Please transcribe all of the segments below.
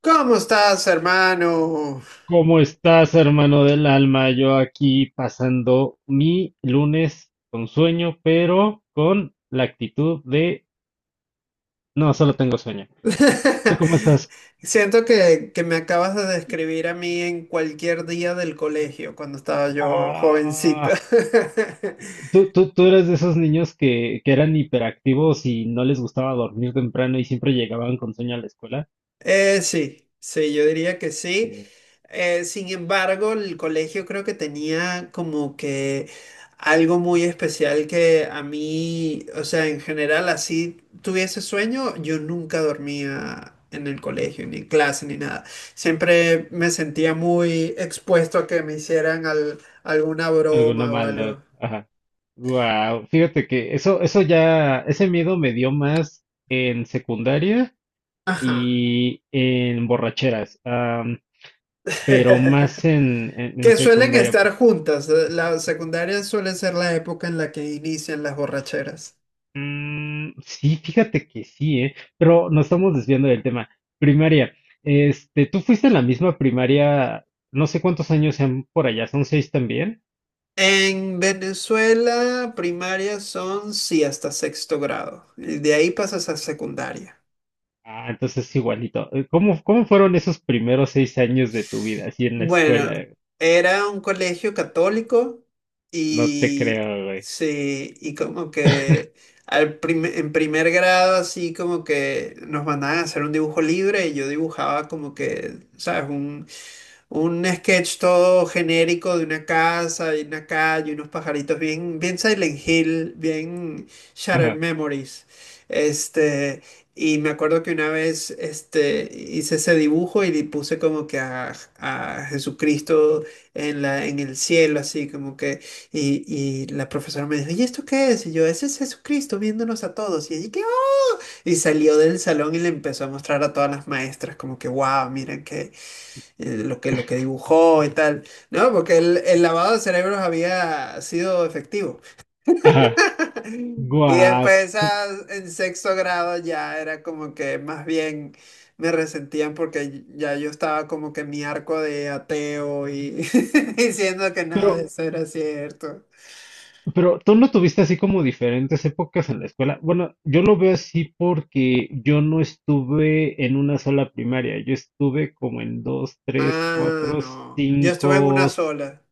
¿Cómo estás, hermano? ¿Cómo estás, hermano del alma? Yo aquí pasando mi lunes con sueño, pero con la actitud de no, solo tengo sueño. ¿Tú cómo estás? Siento que me acabas de describir a mí en cualquier día del colegio, cuando estaba yo Ah, jovencita. tú eres de esos niños que eran hiperactivos y no les gustaba dormir temprano y siempre llegaban con sueño a la escuela. Sí, sí, yo diría que sí. Eh, Sin embargo, el colegio creo que tenía como que algo muy especial que a mí, o sea, en general, así tuviese sueño, yo nunca dormía en el colegio, ni en clase, ni nada. Siempre me sentía muy expuesto a que me hicieran alguna Alguna broma o maldad. algo. Ajá. Wow, fíjate que ese miedo me dio más en secundaria Ajá. y en borracheras. Pero más en Que suelen secundaria. estar juntas. La secundaria suele ser la época en la que inician las borracheras. Mm, sí, fíjate que sí, ¿eh? Pero nos estamos desviando del tema. Primaria. ¿Tú fuiste a la misma primaria? No sé cuántos años sean por allá, ¿son seis también? En Venezuela, primaria son, sí, hasta sexto grado. Y de ahí pasas a secundaria. Ah, entonces es igualito. ¿Cómo fueron esos primeros seis años de tu vida así en la Bueno, escuela? era un colegio católico No te y creo, güey. sí, y como que en primer grado así como que nos mandaban a hacer un dibujo libre y yo dibujaba como que, ¿sabes? Un sketch todo genérico de una casa y una calle, unos pajaritos, bien, bien Silent Hill, bien Shattered Ajá, Memories. Este, y me acuerdo que una vez este, hice ese dibujo y le puse como que a Jesucristo en el cielo, así como que. Y la profesora me dijo, ¿y esto qué es? Y yo, ese es Jesucristo viéndonos a todos. Y allí, ¿qué? Y salió del salón y le empezó a mostrar a todas las maestras, como que, wow, miren que lo que dibujó y tal, ¿no? Porque el lavado de cerebros había sido efectivo. ajá. Y Guau. después Sí. En sexto grado ya era como que más bien me resentían porque ya yo estaba como que en mi arco de ateo y diciendo que Pero, nada de eso era cierto. Pero tú no tuviste así como diferentes épocas en la escuela. Bueno, yo lo veo así porque yo no estuve en una sola primaria. Yo estuve como en dos, tres, Ah, cuatro, no. Yo estuve en cinco. una sola.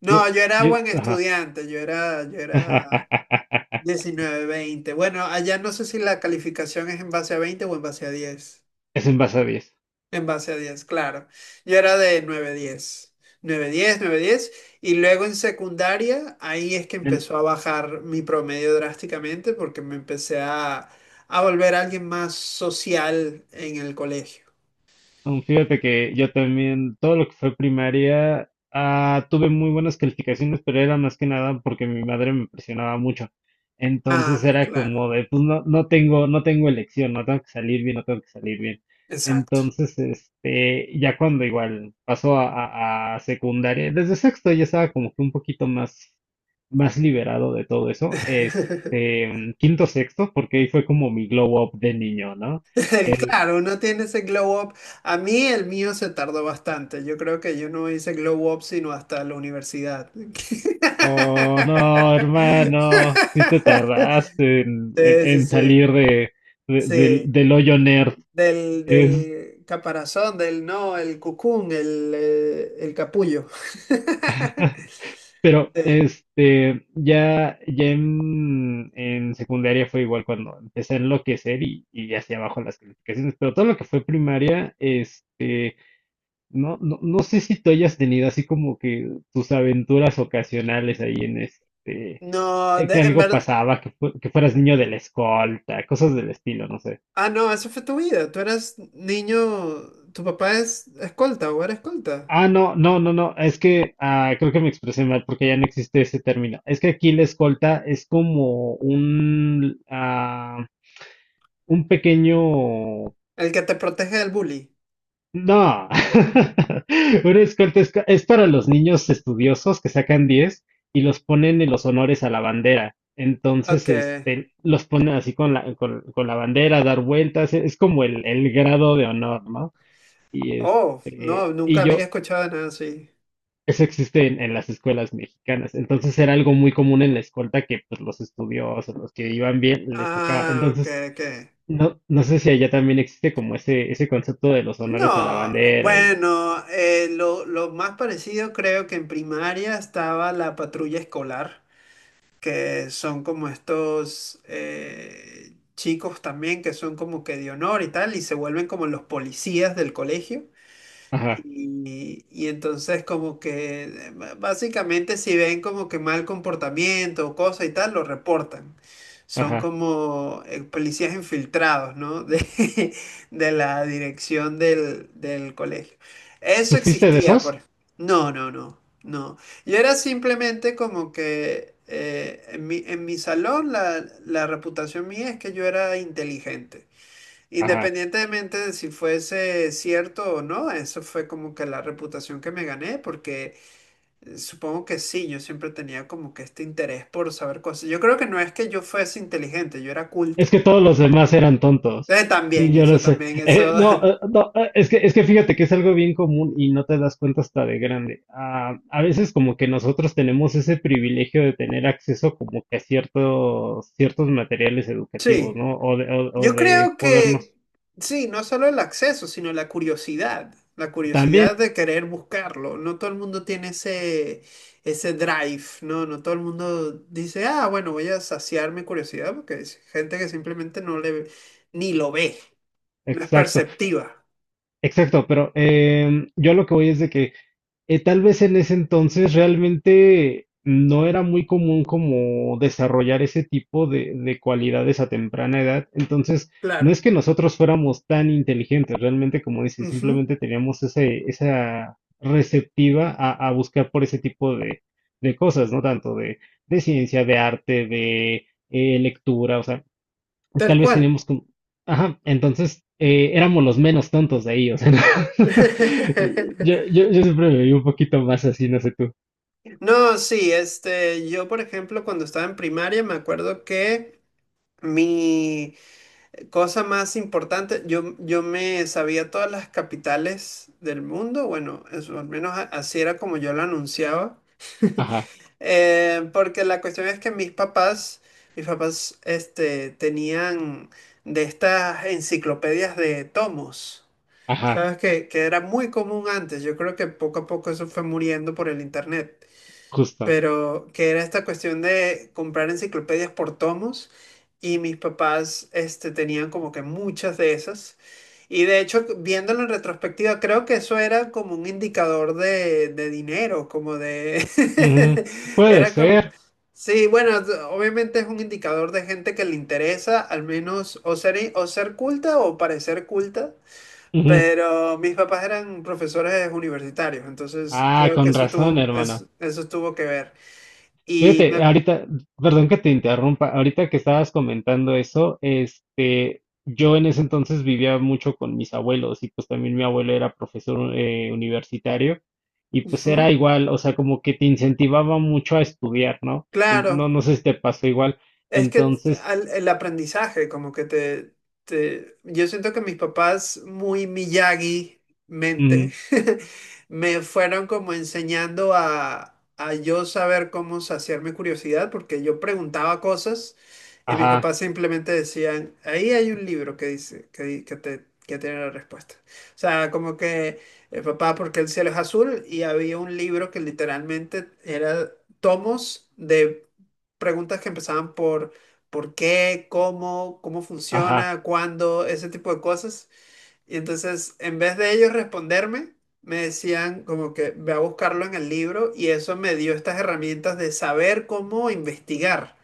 No, Yo, yo era buen ajá. estudiante, yo era 19 20. Bueno, allá no sé si la calificación es en base a 20 o en base a 10. Es en base a 10. En base a diez, claro. Yo era de 9 10, 9 10, 9 10. Y luego en secundaria, ahí es que empezó a bajar mi promedio drásticamente porque me empecé a volver alguien más social en el colegio. Mm, fíjate que yo también, todo lo que fue primaria, tuve muy buenas calificaciones, pero era más que nada porque mi madre me presionaba mucho. Entonces Ah, era claro. como de, pues no, no tengo elección, no tengo que salir bien, no tengo que salir bien. Exacto. Entonces, ya cuando igual pasó a secundaria, desde sexto ya estaba como que un poquito más, más liberado de todo eso. Quinto, sexto, porque ahí fue como mi glow up de niño, ¿no? Claro, uno tiene ese glow up. A mí el mío se tardó bastante. Yo creo que yo no hice glow up sino hasta la universidad. Oh, no, hermano, si te tardaste en, en- Sí, sí, en sí. salir del, Sí. del hoyo nerd. Del, Es, del caparazón, del no, el cucún, el capullo. pero, Sí. Ya, ya en secundaria fue igual cuando empecé a enloquecer y hacia abajo las calificaciones, pero todo lo que fue primaria, no, no sé si tú hayas tenido así como que tus aventuras ocasionales ahí en No, que en algo verdad. pasaba, que, que fueras niño de la escolta, cosas del estilo, no sé. Ah, no, eso fue tu vida. Tú eras niño. Tu papá es escolta o era escolta. Ah, no, no, no, no, es que creo que me expresé mal porque ya no existe ese término. Es que aquí la escolta es como un, un pequeño... El que te protege del bully. No, una escolta es, es para los niños estudiosos que sacan 10 y los ponen en los honores a la bandera. Ok. Entonces, los ponen así con la, con la bandera, a dar vueltas, es como el grado de honor, ¿no? Y Oh, no, este, nunca y había yo, escuchado nada así. Eso existe en las escuelas mexicanas. Entonces era algo muy común en la escolta que pues, los estudiosos, los que iban bien, les tocaba. Ah, ok, Entonces, ok. no, no sé si allá también existe como ese concepto de los honores a la No, bandera y de... bueno, lo más parecido creo que en primaria estaba la patrulla escolar, que son como estos chicos también que son como que de honor y tal, y se vuelven como los policías del colegio. Ajá, Y entonces como que básicamente si ven como que mal comportamiento o cosa y tal, lo reportan. Son ajá. como policías infiltrados, ¿no? De la dirección del colegio. Eso ¿Tú fuiste de existía, esos? por... No, no, no, no. Yo era simplemente como que en mi salón la reputación mía es que yo era inteligente. Ajá. Independientemente de si fuese cierto o no, eso fue como que la reputación que me gané, porque supongo que sí, yo siempre tenía como que este interés por saber cosas. Yo creo que no es que yo fuese inteligente, yo era Es culto. que todos los demás eran tontos. Y También, yo lo eso sé. también, Eh, eso, no, eh, no, eh, es es que fíjate que es algo bien común y no te das cuenta hasta de grande. Ah, a veces como que nosotros tenemos ese privilegio de tener acceso como que a ciertos materiales educativos, sí. ¿no? O Yo de creo podernos. que sí, no solo el acceso, sino la curiosidad También, de querer buscarlo. No todo el mundo tiene ese, ese drive, ¿no? No todo el mundo dice, ah, bueno, voy a saciar mi curiosidad, porque es gente que simplemente no le, ni lo ve, no es exacto, perceptiva. exacto, pero yo lo que voy es de que tal vez en ese entonces realmente no era muy común como desarrollar ese tipo de cualidades a temprana edad. Entonces, no Claro. es que nosotros fuéramos tan inteligentes, realmente, como dices, Ujú. simplemente teníamos ese, esa receptiva a buscar por ese tipo de cosas, ¿no? Tanto de ciencia, de arte, de lectura, o sea, Tal tal vez cual. tenemos como, ajá, entonces éramos los menos tontos de ellos. Yo siempre me vi un poquito más así, no sé tú. No, sí, este, yo por ejemplo cuando estaba en primaria me acuerdo que mi cosa más importante, yo me sabía todas las capitales del mundo, bueno, eso, al menos así era como yo lo anunciaba. Ajá, Porque la cuestión es que mis papás, este, tenían de estas enciclopedias de tomos, ajá, ¿sabes? Que era muy común antes, yo creo que poco a poco eso fue muriendo por el internet, justo. pero que era esta cuestión de comprar enciclopedias por tomos y mis papás este, tenían como que muchas de esas. Y de hecho, viéndolo en retrospectiva, creo que eso era como un indicador de dinero, como de... Ujú. Puede Era como... ser. Sí, bueno, obviamente es un indicador de gente que le interesa, al menos o ser culta o parecer culta, Ujú. pero mis papás eran profesores universitarios, entonces Ah, creo que con eso razón, tuvo, hermano. Eso tuvo que ver. Y me, Fíjate, ahorita, perdón que te interrumpa, ahorita que estabas comentando eso, yo en ese entonces vivía mucho con mis abuelos y pues también mi abuelo era profesor universitario y pues era ujú, igual, o sea, como que te incentivaba mucho a estudiar, ¿no? No, claro. no sé si te pasó igual. Es que Entonces, el aprendizaje, como que te- Yo siento que mis papás, muy Miyagi mente, mm, me fueron como enseñando a yo saber cómo saciar mi curiosidad, porque yo preguntaba cosas y mis ajá, papás simplemente decían, ahí hay un libro que dice, que, di- que te, que tiene la respuesta. O sea, como que, papá, ¿porque el cielo es azul? Y había un libro que literalmente era tomos de preguntas que empezaban por cómo, cómo ajá, funciona, cuándo, ese tipo de cosas. Y entonces, en vez de ellos responderme, me decían como que ve a buscarlo en el libro y eso me dio estas herramientas de saber cómo investigar.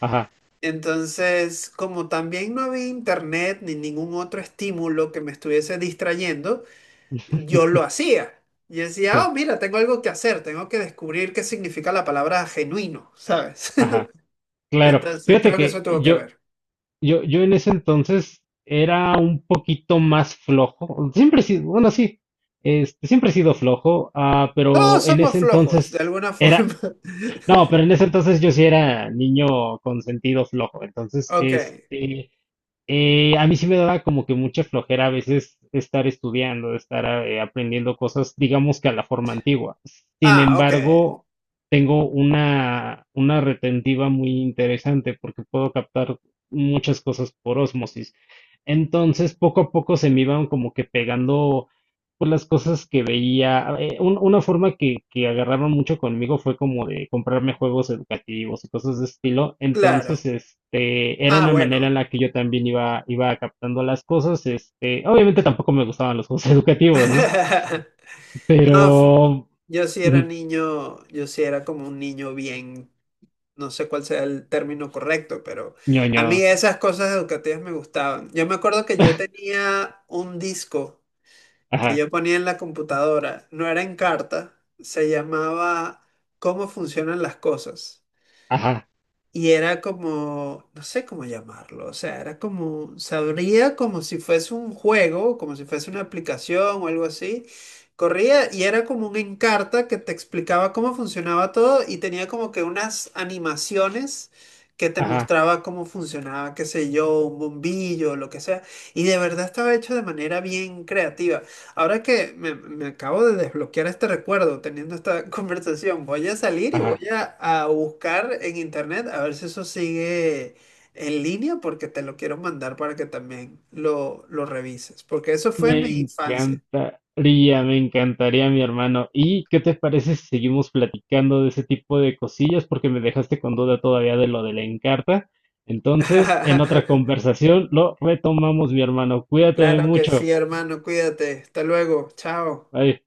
ajá, Entonces, como también no había internet ni ningún otro estímulo que me estuviese distrayendo, yo lo hacía. Y decía, sí, oh, mira, tengo algo que hacer, tengo que descubrir qué significa la palabra genuino, ¿sabes? ajá. Claro, Entonces, fíjate creo que eso tuvo que ver. yo, yo en ese entonces era un poquito más flojo. Siempre he sido, bueno, sí, siempre he sido flojo, Todos pero en somos ese flojos, de entonces alguna forma. era, no, pero en ese entonces yo sí era niño con sentido flojo. Entonces, Ok. A mí sí me daba como que mucha flojera a veces estar estudiando, estar aprendiendo cosas, digamos que a la forma antigua. Sin Ah, ok. embargo, tengo una retentiva muy interesante porque puedo captar muchas cosas por ósmosis. Entonces, poco a poco se me iban como que pegando pues las cosas que veía. Una forma que agarraron mucho conmigo fue como de comprarme juegos educativos y cosas de estilo. Entonces, Claro. Era Ah, una manera en bueno. la que yo también iba captando las cosas. Obviamente tampoco me gustaban los juegos educativos, ¿no? Pero, No, yo sí era mm, niño, yo sí era como un niño bien, no sé cuál sea el término correcto, pero a ñoño. mí esas cosas educativas me gustaban. Yo me acuerdo que yo tenía un disco que Ajá, yo ponía en la computadora, no era en carta, se llamaba ¿Cómo funcionan las cosas? ajá, Y era como, no sé cómo llamarlo, o sea, era como, se abría como si fuese un juego, como si fuese una aplicación o algo así. Corría y era como un Encarta que te explicaba cómo funcionaba todo y tenía como que unas animaciones que te ajá, mostraba cómo funcionaba, qué sé yo, un bombillo, lo que sea. Y de verdad estaba hecho de manera bien creativa. Ahora que me acabo de desbloquear este recuerdo teniendo esta conversación, voy a salir y voy ajá. A buscar en internet a ver si eso sigue en línea porque te lo quiero mandar para que también lo revises, porque eso fue mi infancia. Me encantaría, mi hermano. ¿Y qué te parece si seguimos platicando de ese tipo de cosillas? Porque me dejaste con duda todavía de lo de la Encarta. Entonces, en otra conversación lo retomamos, mi hermano. Cuídate Claro que mucho. sí, hermano, cuídate. Hasta luego. Chao. Bye.